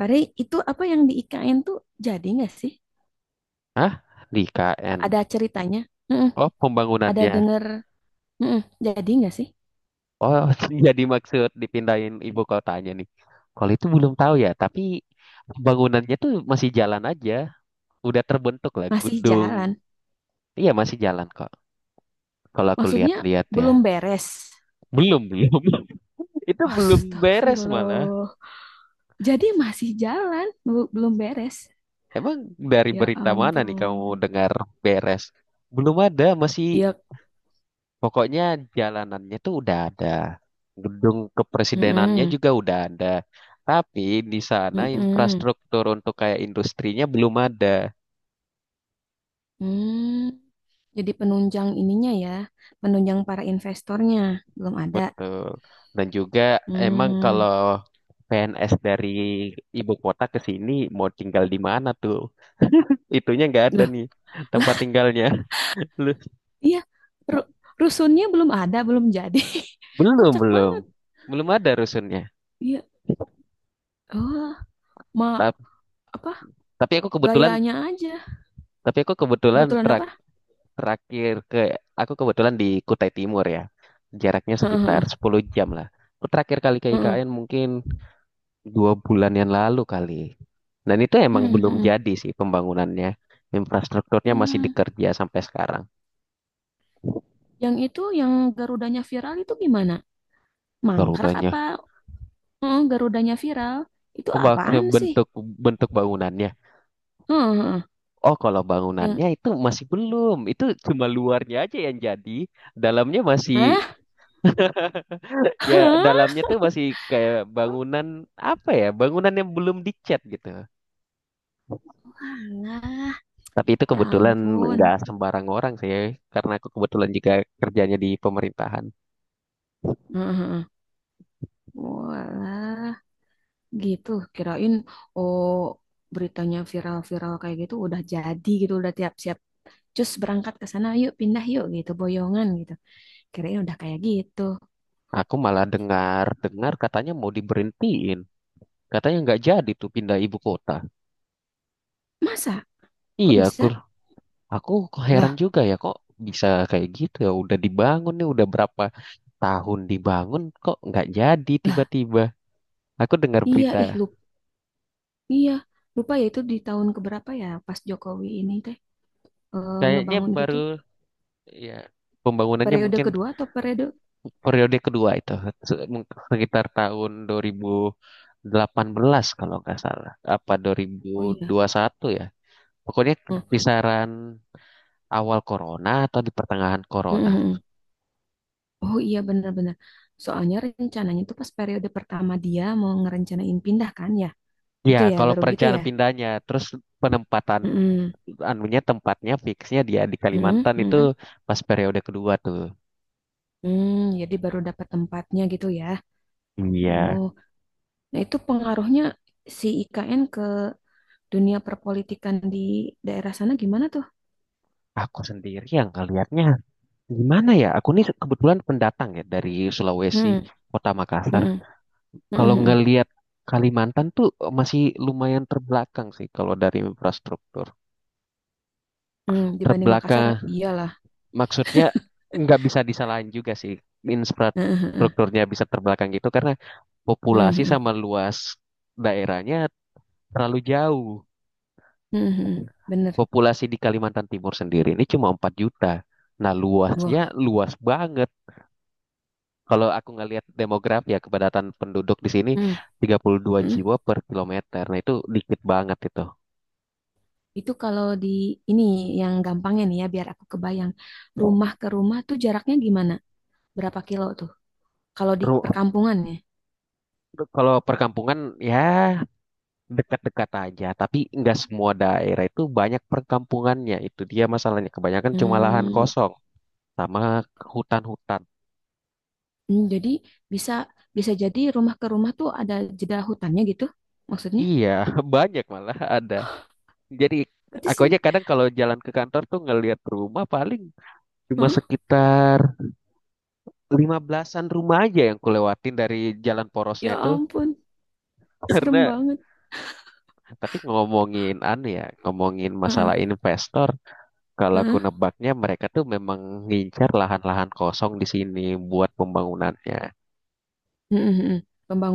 Pare, itu apa yang di IKN tuh jadi nggak sih? Hah? Di KN. Ada ceritanya? Heeh, Oh, ada pembangunannya. denger? Heeh, jadi nggak sih? Oh, jadi maksud dipindahin ibu kotanya nih. Kalau itu belum tahu ya, tapi pembangunannya tuh masih jalan aja. Udah terbentuk lah Masih gedung. jalan? Iya, masih jalan kok. Kalau aku Maksudnya lihat-lihat ya. belum beres? Belum, belum. Itu belum beres malah. Astagfirullah. Jadi masih jalan, belum beres. Emang dari Ya berita mana nih kamu ampun. dengar beres? Belum ada, masih. Iya. Pokoknya jalanannya tuh udah ada. Gedung kepresidenannya Heeh, juga udah ada. Tapi di sana heeh, infrastruktur untuk kayak industrinya belum ada. hmm. Jadi penunjang ininya ya, penunjang para investornya belum ada. Betul. Dan juga emang Hmm. kalau PNS dari ibu kota ke sini mau tinggal di mana tuh? Itunya nggak ada nih tempat tinggalnya. Lu- Iya, ru- rusunnya belum ada, belum jadi. Belum, Kocak belum. banget. Belum ada rusunnya. Iya. Oh, ma Ta- apa Tapi aku kebetulan, gayanya aja. tapi aku kebetulan Kebetulan tra- apa? Terakhir ke aku kebetulan di Kutai Timur ya. Jaraknya sekitar Heeh, 10 jam lah. Aku terakhir kali ke heeh, IKN mungkin 2 bulan yang lalu kali. Dan itu emang heeh, belum heeh, jadi sih pembangunannya. Infrastrukturnya masih heeh. dikerja sampai sekarang. Yang itu yang Garudanya viral itu gimana? Mangkrak Garudanya. apa? Heeh, Garudanya viral. Itu Oh, apaan sih? bentuk bentuk bangunannya. Heeh, heeh. Oh, kalau Yang bangunannya itu masih belum. Itu cuma luarnya aja yang jadi. Dalamnya masih, Hah? ya, Hah? dalamnya tuh masih kayak bangunan, apa ya? Bangunan yang belum dicat gitu. Walah, Tapi itu ya kebetulan ampun. nggak sembarang orang sih, karena aku kebetulan juga kerjanya di pemerintahan. Heeh, heeh. Walah. Gitu, kirain oh beritanya viral-viral kayak gitu udah jadi gitu, udah tiap siap. Cus berangkat ke sana, yuk pindah yuk gitu, boyongan gitu. Kirain udah kayak gitu. Aku malah dengar-dengar katanya mau diberhentiin, katanya nggak jadi tuh pindah ibu kota. Masa? Kok Iya, aku bisa? aku kok heran Lah, juga ya, kok bisa kayak gitu ya. Udah dibangun nih, udah berapa tahun dibangun kok nggak jadi lah, tiba-tiba. Aku dengar iya berita, ih lupa, iya. Lupa ya itu di tahun keberapa ya pas Jokowi ini teh kayaknya ngebangun itu baru tuh. ya pembangunannya Periode mungkin kedua atau periode? periode kedua itu sekitar tahun 2000 delapan belas kalau nggak salah. Apa Oh iya. 2001 ya? Pokoknya Hah, kisaran awal corona atau di pertengahan mm, corona. mm, mm. Oh iya benar-benar. Soalnya rencananya tuh pas periode pertama dia mau ngerencanain pindah kan ya. Ya, Gitu ya, kalau baru gitu ya. perencanaan pindahnya, terus penempatan Mm-mm. anunya, tempatnya fixnya dia di Mm-mm, Kalimantan itu mm-mm. pas periode kedua tuh. Hmm, jadi baru dapat tempatnya gitu ya. Iya, Oh, nah itu pengaruhnya si IKN ke dunia perpolitikan di daerah sana gimana tuh? aku sendiri yang ngelihatnya gimana ya? Aku nih kebetulan pendatang ya dari Sulawesi, Hmm, Kota Makassar. mm-mm, Kalau mm-mm, mm-mm. ngelihat Kalimantan tuh masih lumayan terbelakang sih kalau dari infrastruktur. Hmm, dibanding Makassar, Terbelakang iyalah. maksudnya nggak bisa disalahin juga sih, Heeh, heeh, infrastrukturnya bisa terbelakang gitu karena heeh, populasi heeh, sama luas daerahnya terlalu jauh. heeh, heeh. Bener. Populasi di Kalimantan Timur sendiri ini cuma 4 juta. Nah, luasnya Wah, luas banget. Kalau aku ngelihat demografi ya, kepadatan penduduk di sini hmm, tiga puluh dua hmm. jiwa per kilometer. Nah, itu dikit banget itu. Itu kalau di ini yang gampangnya nih ya, biar aku kebayang. Rumah ke rumah tuh jaraknya gimana? Berapa kilo tuh? Kalau di Ru- perkampungan ya? Kalau perkampungan ya dekat-dekat aja, tapi nggak semua daerah itu banyak perkampungannya. Itu dia masalahnya. Kebanyakan cuma lahan Hmm, kosong sama hutan-hutan. hmm, jadi bisa bisa jadi rumah ke rumah tuh ada jeda hutannya gitu maksudnya? Iya, banyak malah ada. Jadi Berarti aku aja se- kadang kalau jalan ke kantor tuh ngelihat rumah paling cuma Heeh. sekitar 15-an rumah aja yang kulewatin dari jalan porosnya Ya itu. ampun, serem Karena banget. tapi ngomongin anu ya, ngomongin Heeh, masalah investor, kalau aku heeh. nebaknya mereka tuh memang ngincar lahan-lahan kosong di sini buat pembangunannya. Hmm, hmm, hmm.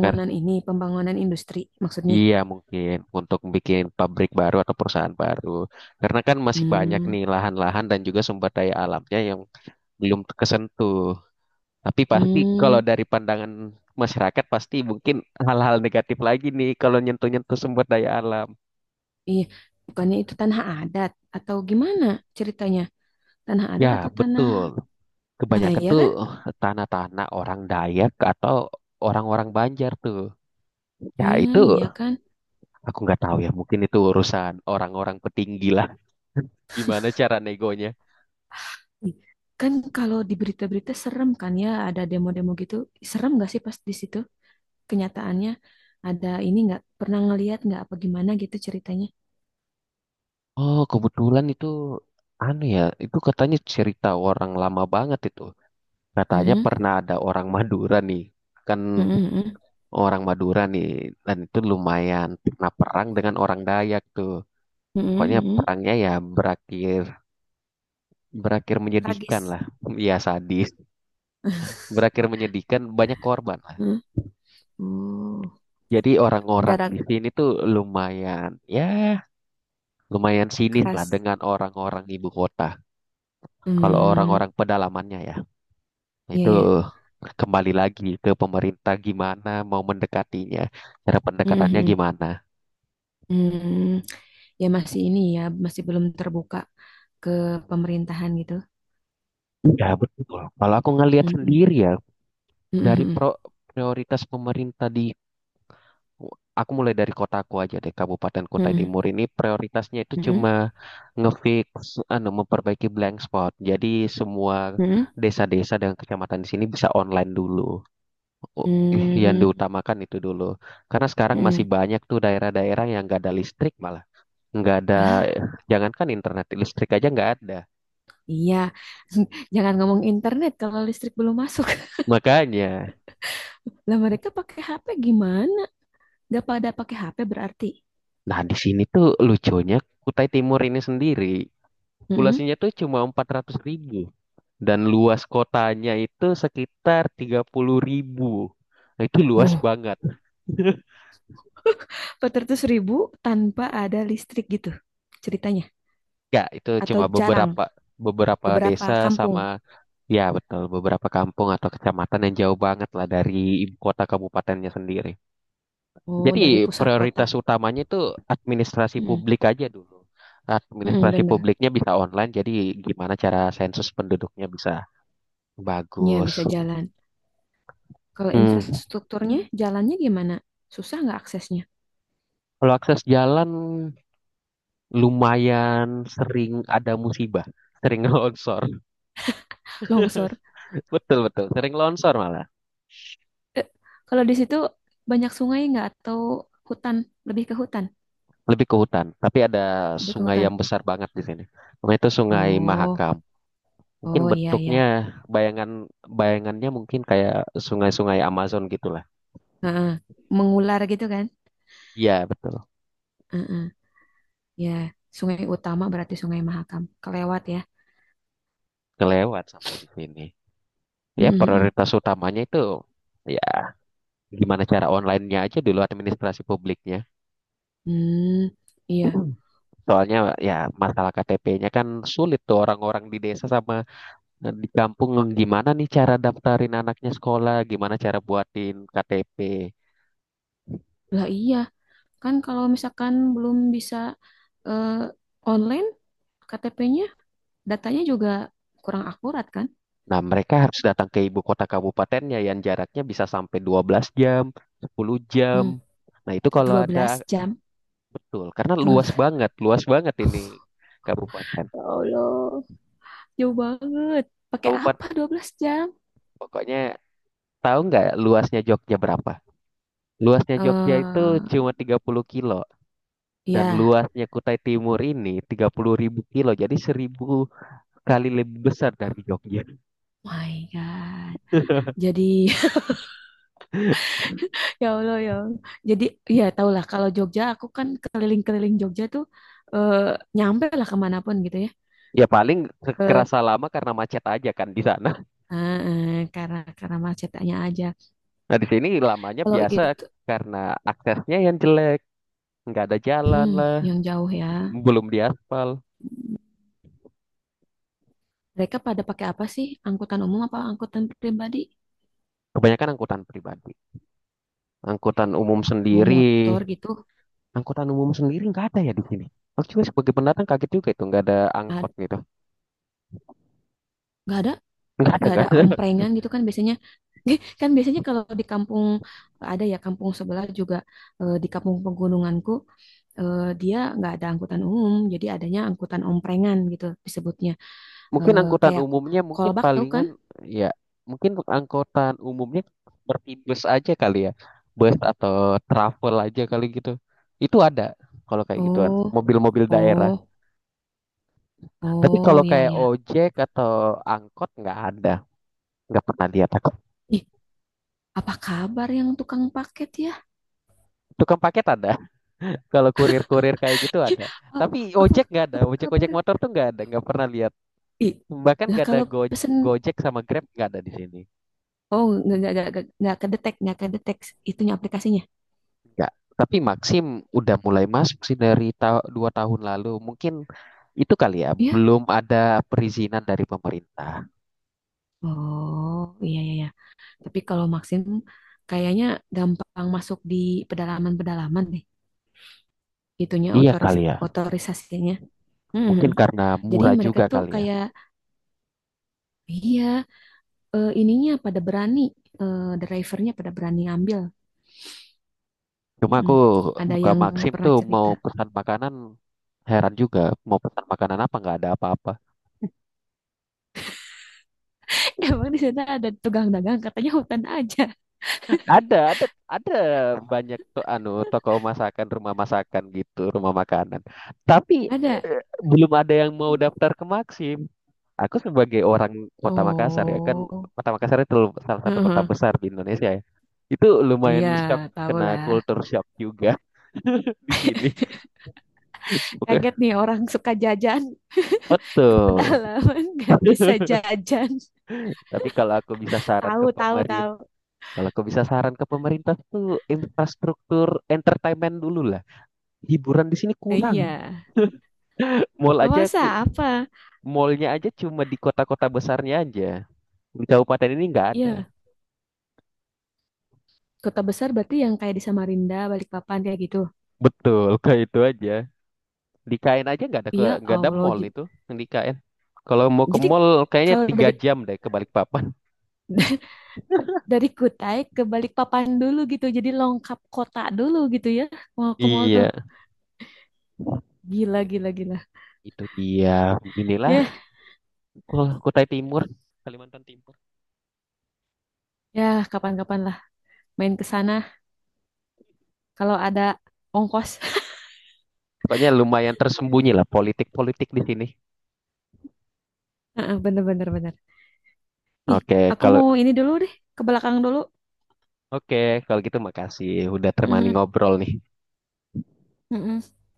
Kar- ini, pembangunan industri maksudnya. Iya mungkin untuk bikin pabrik baru atau perusahaan baru. Karena kan masih banyak Hmm, nih lahan-lahan dan juga sumber daya alamnya yang belum kesentuh. Tapi pasti kalau hmm, dari pandangan masyarakat pasti mungkin hal-hal negatif lagi nih kalau nyentuh-nyentuh sumber daya alam. iya. Bukannya itu tanah adat atau gimana ceritanya? Tanah Ya adat atau tanah, betul. ah, Kebanyakan iya tuh kan? tanah-tanah orang Dayak atau orang-orang Banjar tuh. Ya Hmm, itu iya kan? aku nggak tahu ya, mungkin itu urusan orang-orang petinggi lah. Gimana cara negonya? Ih, kan kalau di berita-berita serem kan ya, ada demo-demo gitu. Serem gak sih pas di situ? Kenyataannya ada ini nggak pernah ngelihat nggak apa gimana gitu ceritanya. Oh, kebetulan itu anu ya, itu katanya cerita orang lama banget itu. Katanya Hmm, pernah ada orang Madura nih, kan hmm, hmm, orang Madura nih, dan itu lumayan pernah perang dengan orang Dayak tuh. hmm, hmm, Pokoknya hmm, hmm. perangnya ya berakhir berakhir menyedihkan Tragis. lah, ya sadis. Berakhir menyedihkan, banyak korban lah. Hmm. Oh, Jadi orang-orang gara di sini tuh lumayan, ya lumayan sinis lah keras. dengan orang-orang ibu kota. Kalau Hmm, orang-orang pedalamannya ya. iya Itu ya. kembali lagi ke pemerintah gimana mau mendekatinya, cara Hmm, pendekatannya hmm, gimana. hmm. Ya masih ini ya, masih belum terbuka ke pemerintahan gitu. Ya betul. Kalau aku ngelihat Hmm, sendiri ya, hmm, dari hmm, prioritas pemerintah, di aku mulai dari kotaku aja deh, Kabupaten Kutai hmm, Timur ini prioritasnya itu hmm, hmm, cuma ngefix anu memperbaiki blank spot. Jadi semua hmm, desa-desa dan kecamatan di sini bisa online dulu. U- Yang hmm, hmm, diutamakan itu dulu. Karena sekarang masih hmm. banyak tuh daerah-daerah yang gak ada listrik malah. Nggak ada, Lah, jangankan internet, listrik aja nggak ada iya. Jangan ngomong internet kalau listrik belum masuk. makanya. Lah mereka pakai HP gimana? Gak pada pakai HP berarti. Nah, di sini tuh lucunya Kutai Timur ini sendiri Mm-mm. populasinya tuh cuma 400.000 dan luas kotanya itu sekitar 30.000. Nah, itu luas Wow, banget. 400 ribu tanpa ada listrik gitu ceritanya. Nggak, itu Atau cuma jarang, beberapa beberapa beberapa desa kampung. sama, ya betul, beberapa kampung atau kecamatan yang jauh banget lah dari ibu kota kabupatennya sendiri. Oh, Jadi dari pusat kota. prioritas utamanya itu administrasi Mm-mm. publik aja dulu. Mm-mm, Administrasi bener. publiknya bisa online, jadi gimana cara sensus penduduknya bisa Ya, bagus. bisa jalan. Kalau Hmm. infrastrukturnya, jalannya gimana? Susah nggak aksesnya? Kalau akses jalan, lumayan sering ada musibah, sering longsor. Longsor. Betul, betul, sering longsor malah. Eh, kalau di situ banyak sungai nggak atau hutan? Lebih ke hutan. Lebih ke hutan, tapi ada Lebih ke sungai hutan. yang besar banget di sini. Sungai itu Sungai Oh, Mahakam. Mungkin oh iya, iya. bentuknya, bayangan bayangannya mungkin kayak sungai-sungai Amazon gitulah. Heeh. Mengular gitu kan? Iya, betul. Heeh. Ya, sungai utama berarti Sungai Mahakam. Kelewat ya. Kelewat sampai di sini. Ya Mm-mm-mm. prioritas utamanya itu, ya, gimana cara online-nya aja dulu administrasi publiknya. Hmm, iya. Soalnya ya masalah KTP-nya kan sulit tuh, orang-orang di desa sama, di kampung, gimana nih cara daftarin anaknya sekolah, gimana cara buatin KTP. Lah iya, kan kalau misalkan belum bisa eh, online KTP-nya, datanya juga kurang akurat kan? Nah, mereka harus datang ke ibu kota kabupatennya yang jaraknya bisa sampai 12 jam, 10 jam. Hmm, Nah, itu kalau 12 ada, jam. betul, karena 12. Luas banget ini kabupaten. Ya Allah, jauh banget. Pakai apa Kabupaten, 12 jam? pokoknya, tahu nggak luasnya Jogja berapa? Luasnya Eh, Jogja itu cuma 30 kilo dan ya, luasnya Kutai Timur ini 30.000 kilo. Jadi 1.000 kali lebih besar dari Jogja. my God. Jadi Ya Allah ya. Allah. Jadi ya tahulah kalau Jogja aku kan keliling-keliling Jogja tuh eh, nyampe lah kemanapun gitu ya. Ya paling Ke kerasa lama karena macet aja kan di sana. Karena macetnya aja. Nah di sini lamanya Kalau biasa itu karena aksesnya yang jelek, nggak ada jalan hmm, lah, yang jauh ya. m- belum diaspal. Mereka pada pakai apa sih? Angkutan umum apa angkutan pribadi? Kebanyakan angkutan pribadi, angkutan umum Mau sendiri, motor gitu? angkutan umum sendiri nggak ada ya di sini. Aku juga sebagai pendatang kaget juga itu nggak ada angkot Ad- gitu. Nggak ada? Nggak ada, Nggak nggak ada ada. omprengan gitu kan biasanya kan biasanya kalau di kampung ada ya kampung sebelah juga di kampung pegununganku dia nggak ada angkutan umum jadi adanya angkutan omprengan gitu disebutnya. Mungkin Eh, angkutan kayak umumnya, mungkin kolbak tahu kan. palingan, ya mungkin angkutan umumnya seperti bus aja kali ya. Bus atau travel aja kali gitu. Itu ada, kalau kayak gituan Oh, mobil-mobil daerah. oh, Tapi kalau oh, ya, kayak ya. ojek atau angkot nggak ada. Nggak pernah lihat aku. Ih, apa kabar yang tukang paket ya. Tukang paket ada. Kalau kurir-kurir kayak gitu Eh, ada. Tapi apa ojek nggak ada. apa kabar Ojek-ojek motor tuh nggak ada. Nggak pernah lihat. ih. Bahkan Lah nggak ada kalau pesen Gojek sama Grab nggak ada di sini. oh, nggak kedetek nggak kedetek itunya aplikasinya Enggak. Tapi Maxim udah mulai masuk sih dari 2 tahun lalu. Mungkin itu kali ya, ya. belum ada perizinan dari pemerintah. Oh, iya, iya, iya. Tapi kalau Maxim kayaknya gampang masuk di pedalaman-pedalaman deh. Itunya Iya kali ya. otorisasinya. Hmm. Mungkin karena Jadi murah mereka juga tuh kali ya. kayak, iya, ininya pada berani, drivernya pada berani ngambil. Cuma Mm-mm. aku Ada buka yang Maxim pernah tuh mau cerita. pesan makanan, heran juga. Mau pesan makanan apa nggak ada apa-apa. Emang di sana ada tukang dagang, katanya hutan aja. Ada banyak tuh anu toko masakan, rumah masakan gitu, rumah makanan. Tapi Ada. Belum ada yang mau daftar ke Maxim. Aku sebagai orang Kota Makassar, ya kan Oh, Kota Makassar itu salah satu kota besar di Indonesia ya. Itu lumayan iya, shock, tahu kena lah. culture shock juga di sini. Oke, Kaget nih orang suka jajan. Ke betul. pedalaman nggak bisa jajan. Tapi Tahu, tahu, tahu. kalau aku bisa saran ke pemerintah tuh infrastruktur entertainment dulu lah. Hiburan di sini Nah, kurang. iya. Mall aja, Luasa apa? mallnya aja cuma di kota-kota besarnya aja. Di kabupaten ini nggak ada. Iya, kota besar berarti yang kayak di Samarinda, Balikpapan kayak gitu. Betul, kayak itu aja. Di KN aja nggak ada, ke Iya, nggak ada Allah. mall itu yang di KN. Kalau mau ke Jadi mall kayaknya kalau tiga dari jam deh ke Balikpapan. dari Kutai ke Balikpapan dulu gitu. Jadi lengkap kota dulu gitu ya. Mau ke mall tuh. Iya, Gila, gila, gila. itu dia. Inilah Ya, Kutai Timur, Kalimantan Timur. ya kapan-kapan lah main ke sana kalau ada ongkos. Pokoknya lumayan tersembunyi lah politik-politik di sini. Heeh, bener, bener, bener. Ih, Oke, aku kalau mau ini dulu deh, ke belakang dulu. oke kalau gitu makasih udah temani Mhm, ngobrol nih. mhm.